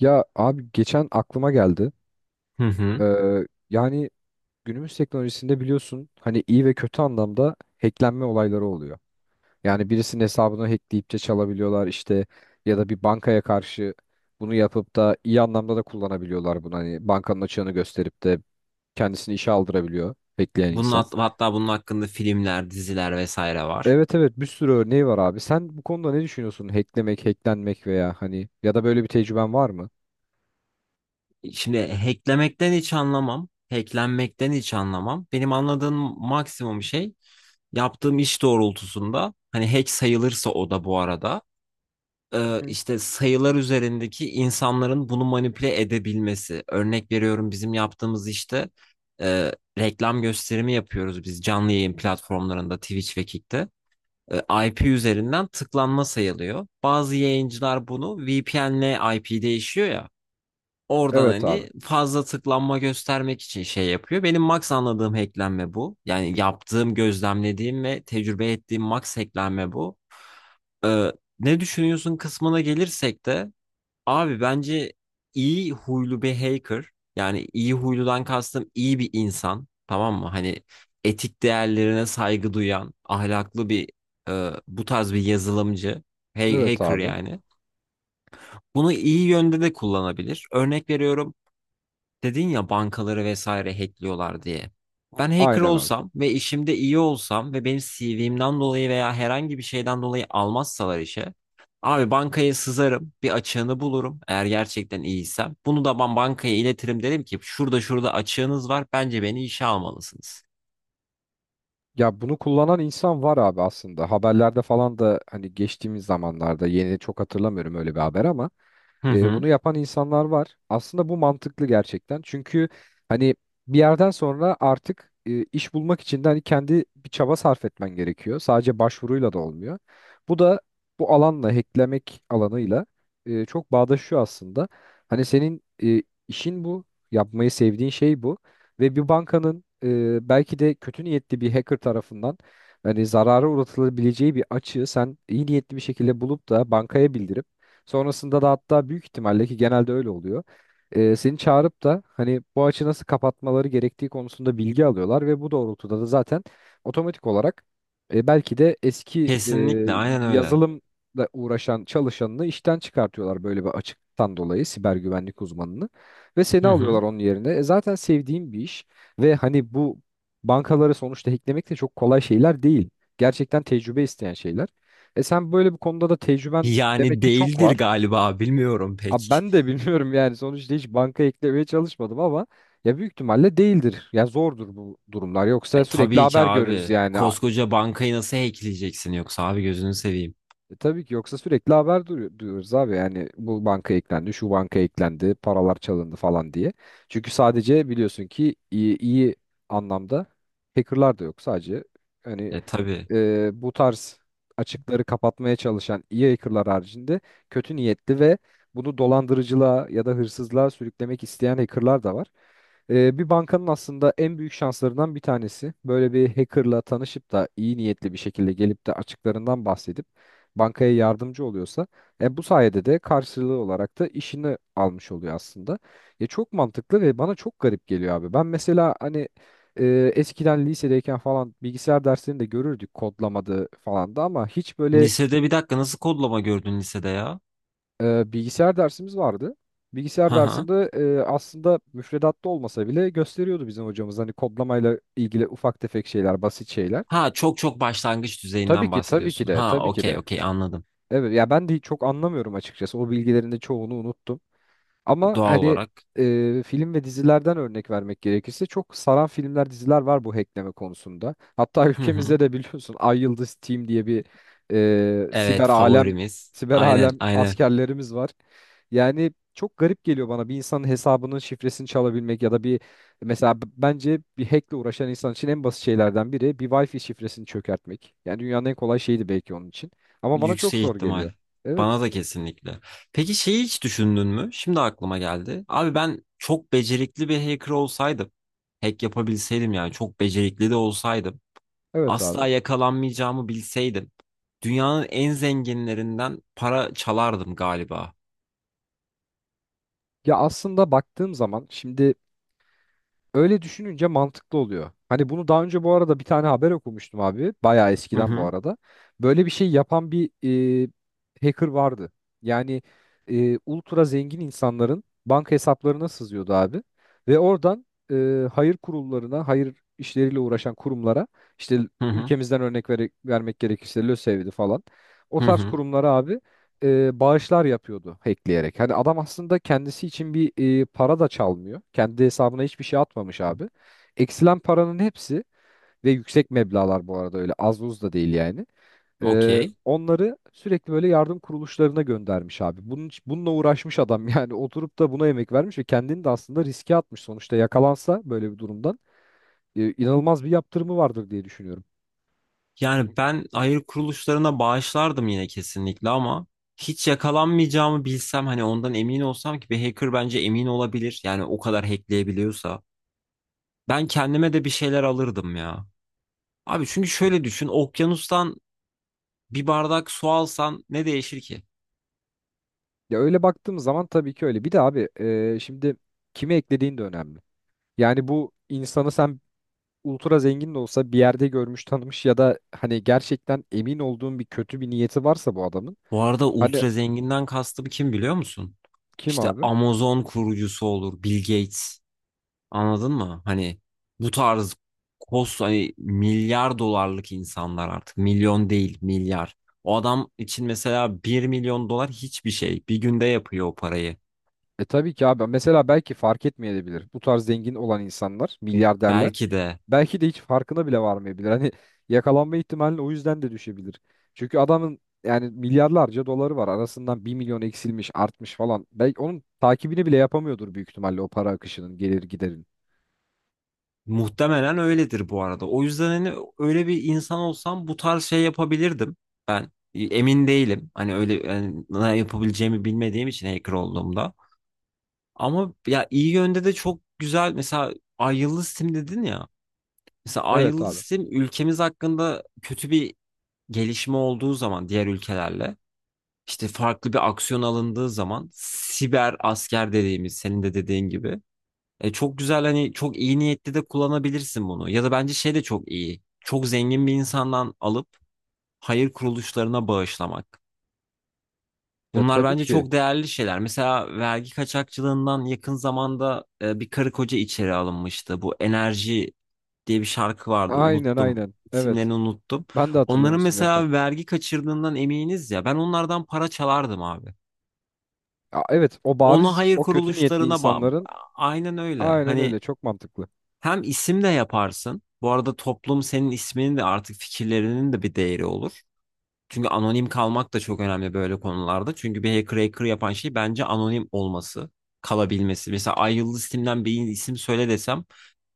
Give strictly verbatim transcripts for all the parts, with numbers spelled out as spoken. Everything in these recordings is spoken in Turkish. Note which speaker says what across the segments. Speaker 1: Ya abi geçen aklıma geldi.
Speaker 2: Hı hı.
Speaker 1: Ee, Yani günümüz teknolojisinde biliyorsun hani iyi ve kötü anlamda hacklenme olayları oluyor. Yani birisinin hesabını hackleyip de çalabiliyorlar işte ya da bir bankaya karşı bunu yapıp da iyi anlamda da kullanabiliyorlar bunu. Hani bankanın açığını gösterip de kendisini işe aldırabiliyor hackleyen
Speaker 2: Bunun
Speaker 1: insan.
Speaker 2: hat- hatta bunun hakkında filmler, diziler vesaire var.
Speaker 1: Evet evet, bir sürü örneği var abi. Sen bu konuda ne düşünüyorsun? Hacklemek, hacklenmek veya hani ya da böyle bir tecrüben var mı?
Speaker 2: Şimdi hacklemekten hiç anlamam. Hacklenmekten hiç anlamam. Benim anladığım maksimum şey yaptığım iş doğrultusunda hani hack sayılırsa o da bu arada, e, işte sayılar üzerindeki insanların bunu manipüle edebilmesi. Örnek veriyorum, bizim yaptığımız işte e, reklam gösterimi yapıyoruz biz canlı yayın platformlarında Twitch ve Kick'te. e, I P üzerinden tıklanma sayılıyor. Bazı yayıncılar bunu V P N'le I P değişiyor ya. Oradan
Speaker 1: Evet abi.
Speaker 2: hani fazla tıklanma göstermek için şey yapıyor. Benim max anladığım hacklenme bu. Yani yaptığım, gözlemlediğim ve tecrübe ettiğim max hacklenme bu. Ee, ne düşünüyorsun kısmına gelirsek de, abi bence iyi huylu bir hacker, yani iyi huyludan kastım iyi bir insan, tamam mı? Hani etik değerlerine saygı duyan ahlaklı bir, e, bu tarz bir yazılımcı, hey,
Speaker 1: Evet
Speaker 2: hacker
Speaker 1: abi.
Speaker 2: yani. Bunu iyi yönde de kullanabilir. Örnek veriyorum, dedin ya bankaları vesaire hackliyorlar diye. Ben hacker
Speaker 1: Aynen abi.
Speaker 2: olsam ve işimde iyi olsam ve benim C V'mden dolayı veya herhangi bir şeyden dolayı almazsalar işe. Abi bankaya sızarım, bir açığını bulurum eğer gerçekten iyiysem. Bunu da ben bankaya iletirim, derim ki şurada şurada açığınız var, bence beni işe almalısınız.
Speaker 1: Ya bunu kullanan insan var abi aslında. Haberlerde falan da hani geçtiğimiz zamanlarda yeni çok hatırlamıyorum öyle bir haber ama
Speaker 2: Hı
Speaker 1: e,
Speaker 2: hı.
Speaker 1: bunu yapan insanlar var. Aslında bu mantıklı gerçekten. Çünkü hani bir yerden sonra artık e, iş bulmak için de hani kendi bir çaba sarf etmen gerekiyor. Sadece başvuruyla da olmuyor. Bu da bu alanla, hacklemek alanıyla, e, çok bağdaşıyor aslında. Hani senin e, işin bu, yapmayı sevdiğin şey bu ve bir bankanın, e, belki de kötü niyetli bir hacker tarafından hani zarara uğratılabileceği bir açığı sen iyi niyetli bir şekilde bulup da bankaya bildirip sonrasında da, hatta büyük ihtimalle ki genelde öyle oluyor, e, seni çağırıp da hani bu açı nasıl kapatmaları gerektiği konusunda bilgi alıyorlar ve bu doğrultuda da zaten otomatik olarak e, belki de eski e,
Speaker 2: Kesinlikle aynen öyle.
Speaker 1: yazılımla uğraşan çalışanını işten çıkartıyorlar böyle bir açıktan dolayı, siber güvenlik uzmanını ve seni
Speaker 2: Hı hı.
Speaker 1: alıyorlar onun yerine. E, zaten sevdiğim bir iş ve hani bu bankaları sonuçta hacklemek de çok kolay şeyler değil. Gerçekten tecrübe isteyen şeyler. E sen böyle bir konuda da tecrüben demek
Speaker 2: Yani
Speaker 1: ki çok
Speaker 2: değildir
Speaker 1: var.
Speaker 2: galiba, bilmiyorum
Speaker 1: Abi
Speaker 2: pek.
Speaker 1: ben de bilmiyorum yani, sonuçta hiç banka eklemeye çalışmadım ama ya büyük ihtimalle değildir. Ya zordur bu durumlar. Yoksa
Speaker 2: E,
Speaker 1: sürekli
Speaker 2: tabii ki
Speaker 1: haber görürüz
Speaker 2: abi.
Speaker 1: yani. A-
Speaker 2: Koskoca bankayı nasıl hackleyeceksin yoksa abi, gözünü seveyim.
Speaker 1: E tabii ki, yoksa sürekli haber duyu- duyuyoruz abi yani, bu banka eklendi, şu banka eklendi, paralar çalındı falan diye. Çünkü sadece biliyorsun ki iyi, iyi anlamda hackerlar da yok. Sadece hani
Speaker 2: E tabii.
Speaker 1: e, bu tarz açıkları kapatmaya çalışan iyi hackerlar haricinde kötü niyetli ve bunu dolandırıcılığa ya da hırsızlığa sürüklemek isteyen hackerlar da var. E, bir bankanın aslında en büyük şanslarından bir tanesi böyle bir hackerla tanışıp da iyi niyetli bir şekilde gelip de açıklarından bahsedip bankaya yardımcı oluyorsa, e, bu sayede de karşılığı olarak da işini almış oluyor aslında. Ya çok mantıklı ve bana çok garip geliyor abi. Ben mesela hani e, eskiden lisedeyken falan bilgisayar derslerini de görürdük, kodlamadı falan da ama hiç böyle
Speaker 2: Lisede bir dakika nasıl kodlama gördün lisede ya?
Speaker 1: e, bilgisayar dersimiz vardı. Bilgisayar
Speaker 2: Hı hı.
Speaker 1: dersinde, e, aslında müfredatta olmasa bile gösteriyordu bizim hocamız hani kodlamayla ilgili ufak tefek şeyler, basit şeyler.
Speaker 2: Ha, çok çok başlangıç
Speaker 1: Tabii
Speaker 2: düzeyinden
Speaker 1: ki, tabii ki
Speaker 2: bahsediyorsun.
Speaker 1: de,
Speaker 2: Ha,
Speaker 1: tabii ki
Speaker 2: okey
Speaker 1: de.
Speaker 2: okey, anladım.
Speaker 1: Evet ya, ben de çok anlamıyorum açıkçası. O bilgilerin de çoğunu unuttum. Ama
Speaker 2: Doğal
Speaker 1: hani
Speaker 2: olarak.
Speaker 1: e, film ve dizilerden örnek vermek gerekirse çok saran filmler, diziler var bu hackleme konusunda. Hatta
Speaker 2: Hı hı.
Speaker 1: ülkemizde de biliyorsun Ay Yıldız Team diye bir e,
Speaker 2: Evet,
Speaker 1: siber alem,
Speaker 2: favorimiz.
Speaker 1: siber
Speaker 2: Aynen
Speaker 1: alem
Speaker 2: aynen.
Speaker 1: askerlerimiz var. Yani çok garip geliyor bana bir insanın hesabının şifresini çalabilmek ya da bir, mesela b- bence bir hackle uğraşan insan için en basit şeylerden biri bir Wi-Fi şifresini çökertmek. Yani dünyanın en kolay şeydi belki onun için. Ama bana çok
Speaker 2: Yüksek
Speaker 1: zor
Speaker 2: ihtimal.
Speaker 1: geliyor. Evet.
Speaker 2: Bana da kesinlikle. Peki şeyi hiç düşündün mü? Şimdi aklıma geldi. Abi ben çok becerikli bir hacker olsaydım. Hack yapabilseydim, yani çok becerikli de olsaydım.
Speaker 1: Evet abi.
Speaker 2: Asla yakalanmayacağımı bilseydim. Dünyanın en zenginlerinden para çalardım galiba.
Speaker 1: Ya aslında baktığım zaman şimdi, öyle düşününce mantıklı oluyor. Hani bunu daha önce bu arada bir tane haber okumuştum abi. Bayağı
Speaker 2: Hı
Speaker 1: eskiden bu
Speaker 2: hı.
Speaker 1: arada. Böyle bir şey yapan bir e, hacker vardı. Yani e, ultra zengin insanların banka hesaplarına sızıyordu abi. Ve oradan e, hayır kurullarına, hayır işleriyle uğraşan kurumlara işte,
Speaker 2: Hı hı.
Speaker 1: ülkemizden örnek vere- vermek gerekirse LÖSEV'di falan. O
Speaker 2: Hı
Speaker 1: tarz
Speaker 2: hı.
Speaker 1: kurumlara abi e, bağışlar yapıyordu hackleyerek. Hani adam aslında kendisi için bir, e, para da çalmıyor. Kendi hesabına hiçbir şey atmamış abi. Eksilen paranın hepsi ve yüksek meblağlar bu arada, öyle az buz da değil yani. E,
Speaker 2: Okey.
Speaker 1: onları sürekli böyle yardım kuruluşlarına göndermiş abi. Bunun, bununla uğraşmış adam yani oturup da buna emek vermiş ve kendini de aslında riske atmış. Sonuçta yakalansa böyle bir durumdan e, inanılmaz bir yaptırımı vardır diye düşünüyorum.
Speaker 2: Yani ben hayır kuruluşlarına bağışlardım yine kesinlikle ama, hiç yakalanmayacağımı bilsem, hani ondan emin olsam, ki bir hacker bence emin olabilir. Yani o kadar hackleyebiliyorsa. Ben kendime de bir şeyler alırdım ya. Abi çünkü şöyle düşün, okyanustan bir bardak su alsan ne değişir ki?
Speaker 1: Ya öyle baktığımız zaman tabii ki öyle. Bir de abi e, şimdi kimi eklediğin de önemli. Yani bu insanı sen ultra zengin de olsa bir yerde görmüş tanımış ya da hani gerçekten emin olduğun bir kötü bir niyeti varsa bu adamın.
Speaker 2: Bu arada
Speaker 1: Hani
Speaker 2: ultra zenginden kastım kim biliyor musun?
Speaker 1: kim
Speaker 2: İşte
Speaker 1: abi?
Speaker 2: Amazon kurucusu olur, Bill Gates. Anladın mı? Hani bu tarz kos, hani milyar dolarlık insanlar, artık milyon değil milyar. O adam için mesela bir milyon dolar hiçbir şey. Bir günde yapıyor o parayı.
Speaker 1: E tabii ki abi. Mesela belki fark etmeyebilir. Bu tarz zengin olan insanlar, milyarderler.
Speaker 2: Belki de
Speaker 1: Belki de hiç farkına bile varmayabilir. Hani yakalanma ihtimali o yüzden de düşebilir. Çünkü adamın yani milyarlarca doları var. Arasından bir milyon eksilmiş, artmış falan. Belki onun takibini bile yapamıyordur büyük ihtimalle, o para akışının, gelir giderin.
Speaker 2: muhtemelen öyledir bu arada. O yüzden hani öyle bir insan olsam bu tarz şey yapabilirdim. Ben e, emin değilim. Hani öyle, yani ne yapabileceğimi bilmediğim için hacker olduğumda. Ama ya iyi yönde de çok güzel, mesela Ay Yıldız Tim dedin ya. Mesela
Speaker 1: Evet
Speaker 2: ayrılı
Speaker 1: abi.
Speaker 2: sistem ülkemiz hakkında kötü bir gelişme olduğu zaman, diğer ülkelerle işte farklı bir aksiyon alındığı zaman, siber asker dediğimiz, senin de dediğin gibi, e, çok güzel, hani çok iyi niyetli de kullanabilirsin bunu. Ya da bence şey de çok iyi. Çok zengin bir insandan alıp hayır kuruluşlarına bağışlamak.
Speaker 1: Ya
Speaker 2: Bunlar
Speaker 1: tabii
Speaker 2: bence
Speaker 1: ki.
Speaker 2: çok değerli şeyler. Mesela vergi kaçakçılığından yakın zamanda e, bir karı koca içeri alınmıştı. Bu Enerji diye bir şarkı vardı.
Speaker 1: Aynen
Speaker 2: Unuttum.
Speaker 1: aynen. Evet.
Speaker 2: İsimlerini unuttum.
Speaker 1: Ben de hatırlamıyorum
Speaker 2: Onların
Speaker 1: isimleri tam.
Speaker 2: mesela vergi kaçırdığından eminiz ya. Ben onlardan para çalardım abi.
Speaker 1: Aa, evet o
Speaker 2: Onu
Speaker 1: bariz
Speaker 2: hayır
Speaker 1: o kötü niyetli
Speaker 2: kuruluşlarına ba-
Speaker 1: insanların,
Speaker 2: aynen öyle.
Speaker 1: aynen
Speaker 2: Hani
Speaker 1: öyle, çok mantıklı.
Speaker 2: hem isim de yaparsın. Bu arada toplum senin isminin de artık, fikirlerinin de bir değeri olur. Çünkü anonim kalmak da çok önemli böyle konularda. Çünkü bir hacker hacker yapan şey bence anonim olması, kalabilmesi. Mesela Ay Yıldız Tim'den bir isim söyle desem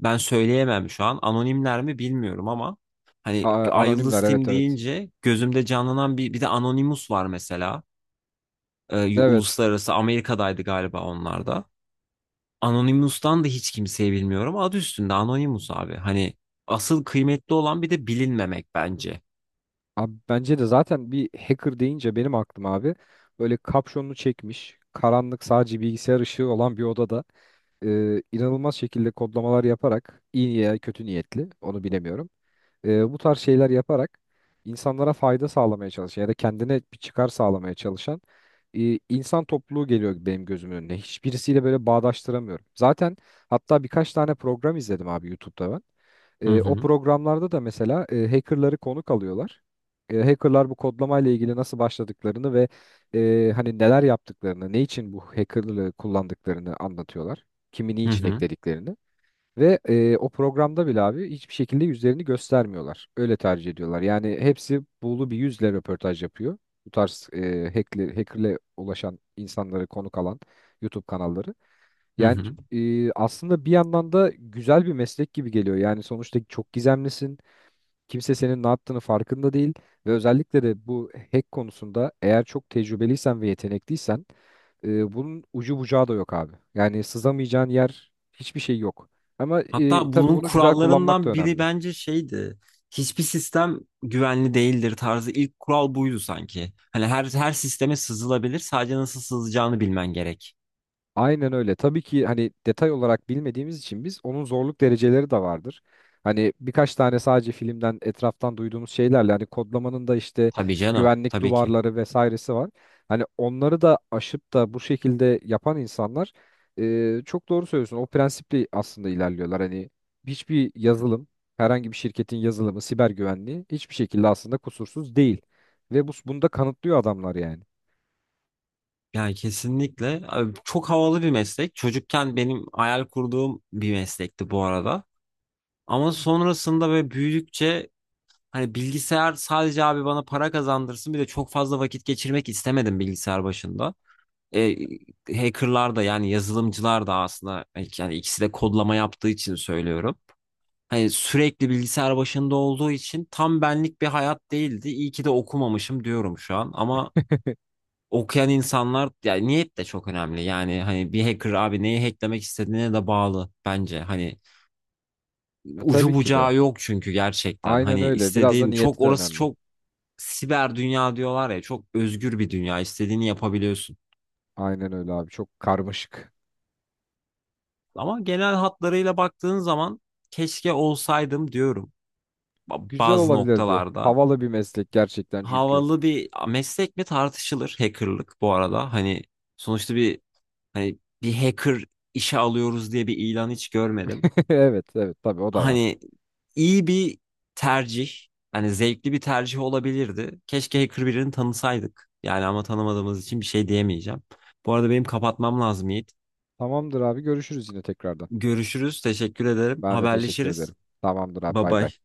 Speaker 2: ben söyleyemem şu an. Anonimler mi bilmiyorum ama, hani
Speaker 1: Aa,
Speaker 2: Ay Yıldız
Speaker 1: anonimler, evet
Speaker 2: Tim
Speaker 1: evet.
Speaker 2: deyince gözümde canlanan bir bir de Anonymous var mesela. Ee,
Speaker 1: Evet.
Speaker 2: uluslararası, Amerika'daydı galiba onlar da. Anonymous'tan da hiç kimseyi bilmiyorum. Adı üstünde Anonymous abi. Hani asıl kıymetli olan bir de bilinmemek bence.
Speaker 1: Abi, bence de zaten bir hacker deyince benim aklım abi, böyle kapşonunu çekmiş karanlık sadece bilgisayar ışığı olan bir odada e, inanılmaz şekilde kodlamalar yaparak, iyi niye kötü niyetli onu bilemiyorum, e, bu tarz şeyler yaparak insanlara fayda sağlamaya çalışan ya da kendine bir çıkar sağlamaya çalışan e, insan topluluğu geliyor benim gözümün önüne. Hiçbirisiyle böyle bağdaştıramıyorum. Zaten hatta birkaç tane program izledim abi YouTube'da ben.
Speaker 2: Hı
Speaker 1: E, o
Speaker 2: hı.
Speaker 1: programlarda da mesela e, hackerları konuk alıyorlar. E, hackerlar bu kodlamayla ilgili nasıl başladıklarını ve e, hani neler yaptıklarını, ne için bu hackerlığı kullandıklarını anlatıyorlar. Kimi
Speaker 2: Hı
Speaker 1: niçin
Speaker 2: hı.
Speaker 1: eklediklerini. Ve e, o programda bile abi hiçbir şekilde yüzlerini göstermiyorlar. Öyle tercih ediyorlar. Yani hepsi buğulu bir yüzle röportaj yapıyor. Bu tarz e, hackler, hackerle ulaşan insanları konuk alan YouTube kanalları.
Speaker 2: Hı
Speaker 1: Yani
Speaker 2: hı.
Speaker 1: e, aslında bir yandan da güzel bir meslek gibi geliyor. Yani sonuçta çok gizemlisin. Kimse senin ne yaptığını farkında değil ve özellikle de bu hack konusunda eğer çok tecrübeliysen ve yetenekliysen, e, bunun ucu bucağı da yok abi. Yani sızamayacağın yer, hiçbir şey yok. Ama e,
Speaker 2: Hatta
Speaker 1: tabii
Speaker 2: bunun
Speaker 1: bunu güzel kullanmak da
Speaker 2: kurallarından biri
Speaker 1: önemli.
Speaker 2: bence şeydi. Hiçbir sistem güvenli değildir tarzı, ilk kural buydu sanki. Hani her her sisteme sızılabilir. Sadece nasıl sızılacağını bilmen gerek.
Speaker 1: Aynen öyle. Tabii ki hani detay olarak bilmediğimiz için biz, onun zorluk dereceleri de vardır. Hani birkaç tane sadece filmden etraftan duyduğumuz şeylerle hani kodlamanın da işte
Speaker 2: Tabii canım,
Speaker 1: güvenlik
Speaker 2: tabii ki.
Speaker 1: duvarları vesairesi var. Hani onları da aşıp da bu şekilde yapan insanlar, e, çok doğru söylüyorsun. O prensiple aslında ilerliyorlar. Hani hiçbir yazılım, herhangi bir şirketin yazılımı, siber güvenliği hiçbir şekilde aslında kusursuz değil. Ve bu, bunu da kanıtlıyor adamlar yani.
Speaker 2: Yani kesinlikle abi çok havalı bir meslek. Çocukken benim hayal kurduğum bir meslekti bu arada. Ama sonrasında ve büyüdükçe, hani bilgisayar sadece abi bana para kazandırsın, bir de çok fazla vakit geçirmek istemedim bilgisayar başında. E, hackerlar da yani yazılımcılar da aslında e, yani ikisi de kodlama yaptığı için söylüyorum. Hani sürekli bilgisayar başında olduğu için tam benlik bir hayat değildi. İyi ki de okumamışım diyorum şu an, ama okuyan insanlar, yani niyet de çok önemli. Yani hani bir hacker abi neyi hacklemek istediğine de bağlı bence. Hani ucu
Speaker 1: Tabii ki de.
Speaker 2: bucağı yok çünkü gerçekten.
Speaker 1: Aynen
Speaker 2: Hani
Speaker 1: öyle. Biraz da
Speaker 2: istediğin çok,
Speaker 1: niyeti de
Speaker 2: orası
Speaker 1: önemli.
Speaker 2: çok, siber dünya diyorlar ya, çok özgür bir dünya. İstediğini yapabiliyorsun.
Speaker 1: Aynen öyle abi. Çok karmaşık.
Speaker 2: Ama genel hatlarıyla baktığın zaman, keşke olsaydım diyorum ba-
Speaker 1: Güzel
Speaker 2: bazı
Speaker 1: olabilirdi.
Speaker 2: noktalarda.
Speaker 1: Havalı bir meslek gerçekten çünkü.
Speaker 2: Havalı bir meslek mi tartışılır hackerlık bu arada. Hani sonuçta bir, hani bir hacker işe alıyoruz diye bir ilan hiç görmedim.
Speaker 1: Evet, evet, tabii o da var.
Speaker 2: Hani iyi bir tercih, hani zevkli bir tercih olabilirdi. Keşke hacker birini tanısaydık. Yani ama tanımadığımız için bir şey diyemeyeceğim. Bu arada benim kapatmam lazım Yiğit.
Speaker 1: Tamamdır abi. Görüşürüz yine tekrardan.
Speaker 2: Görüşürüz. Teşekkür ederim.
Speaker 1: Ben de teşekkür
Speaker 2: Haberleşiriz.
Speaker 1: ederim. Tamamdır abi.
Speaker 2: Bye
Speaker 1: Bay bay.
Speaker 2: bye.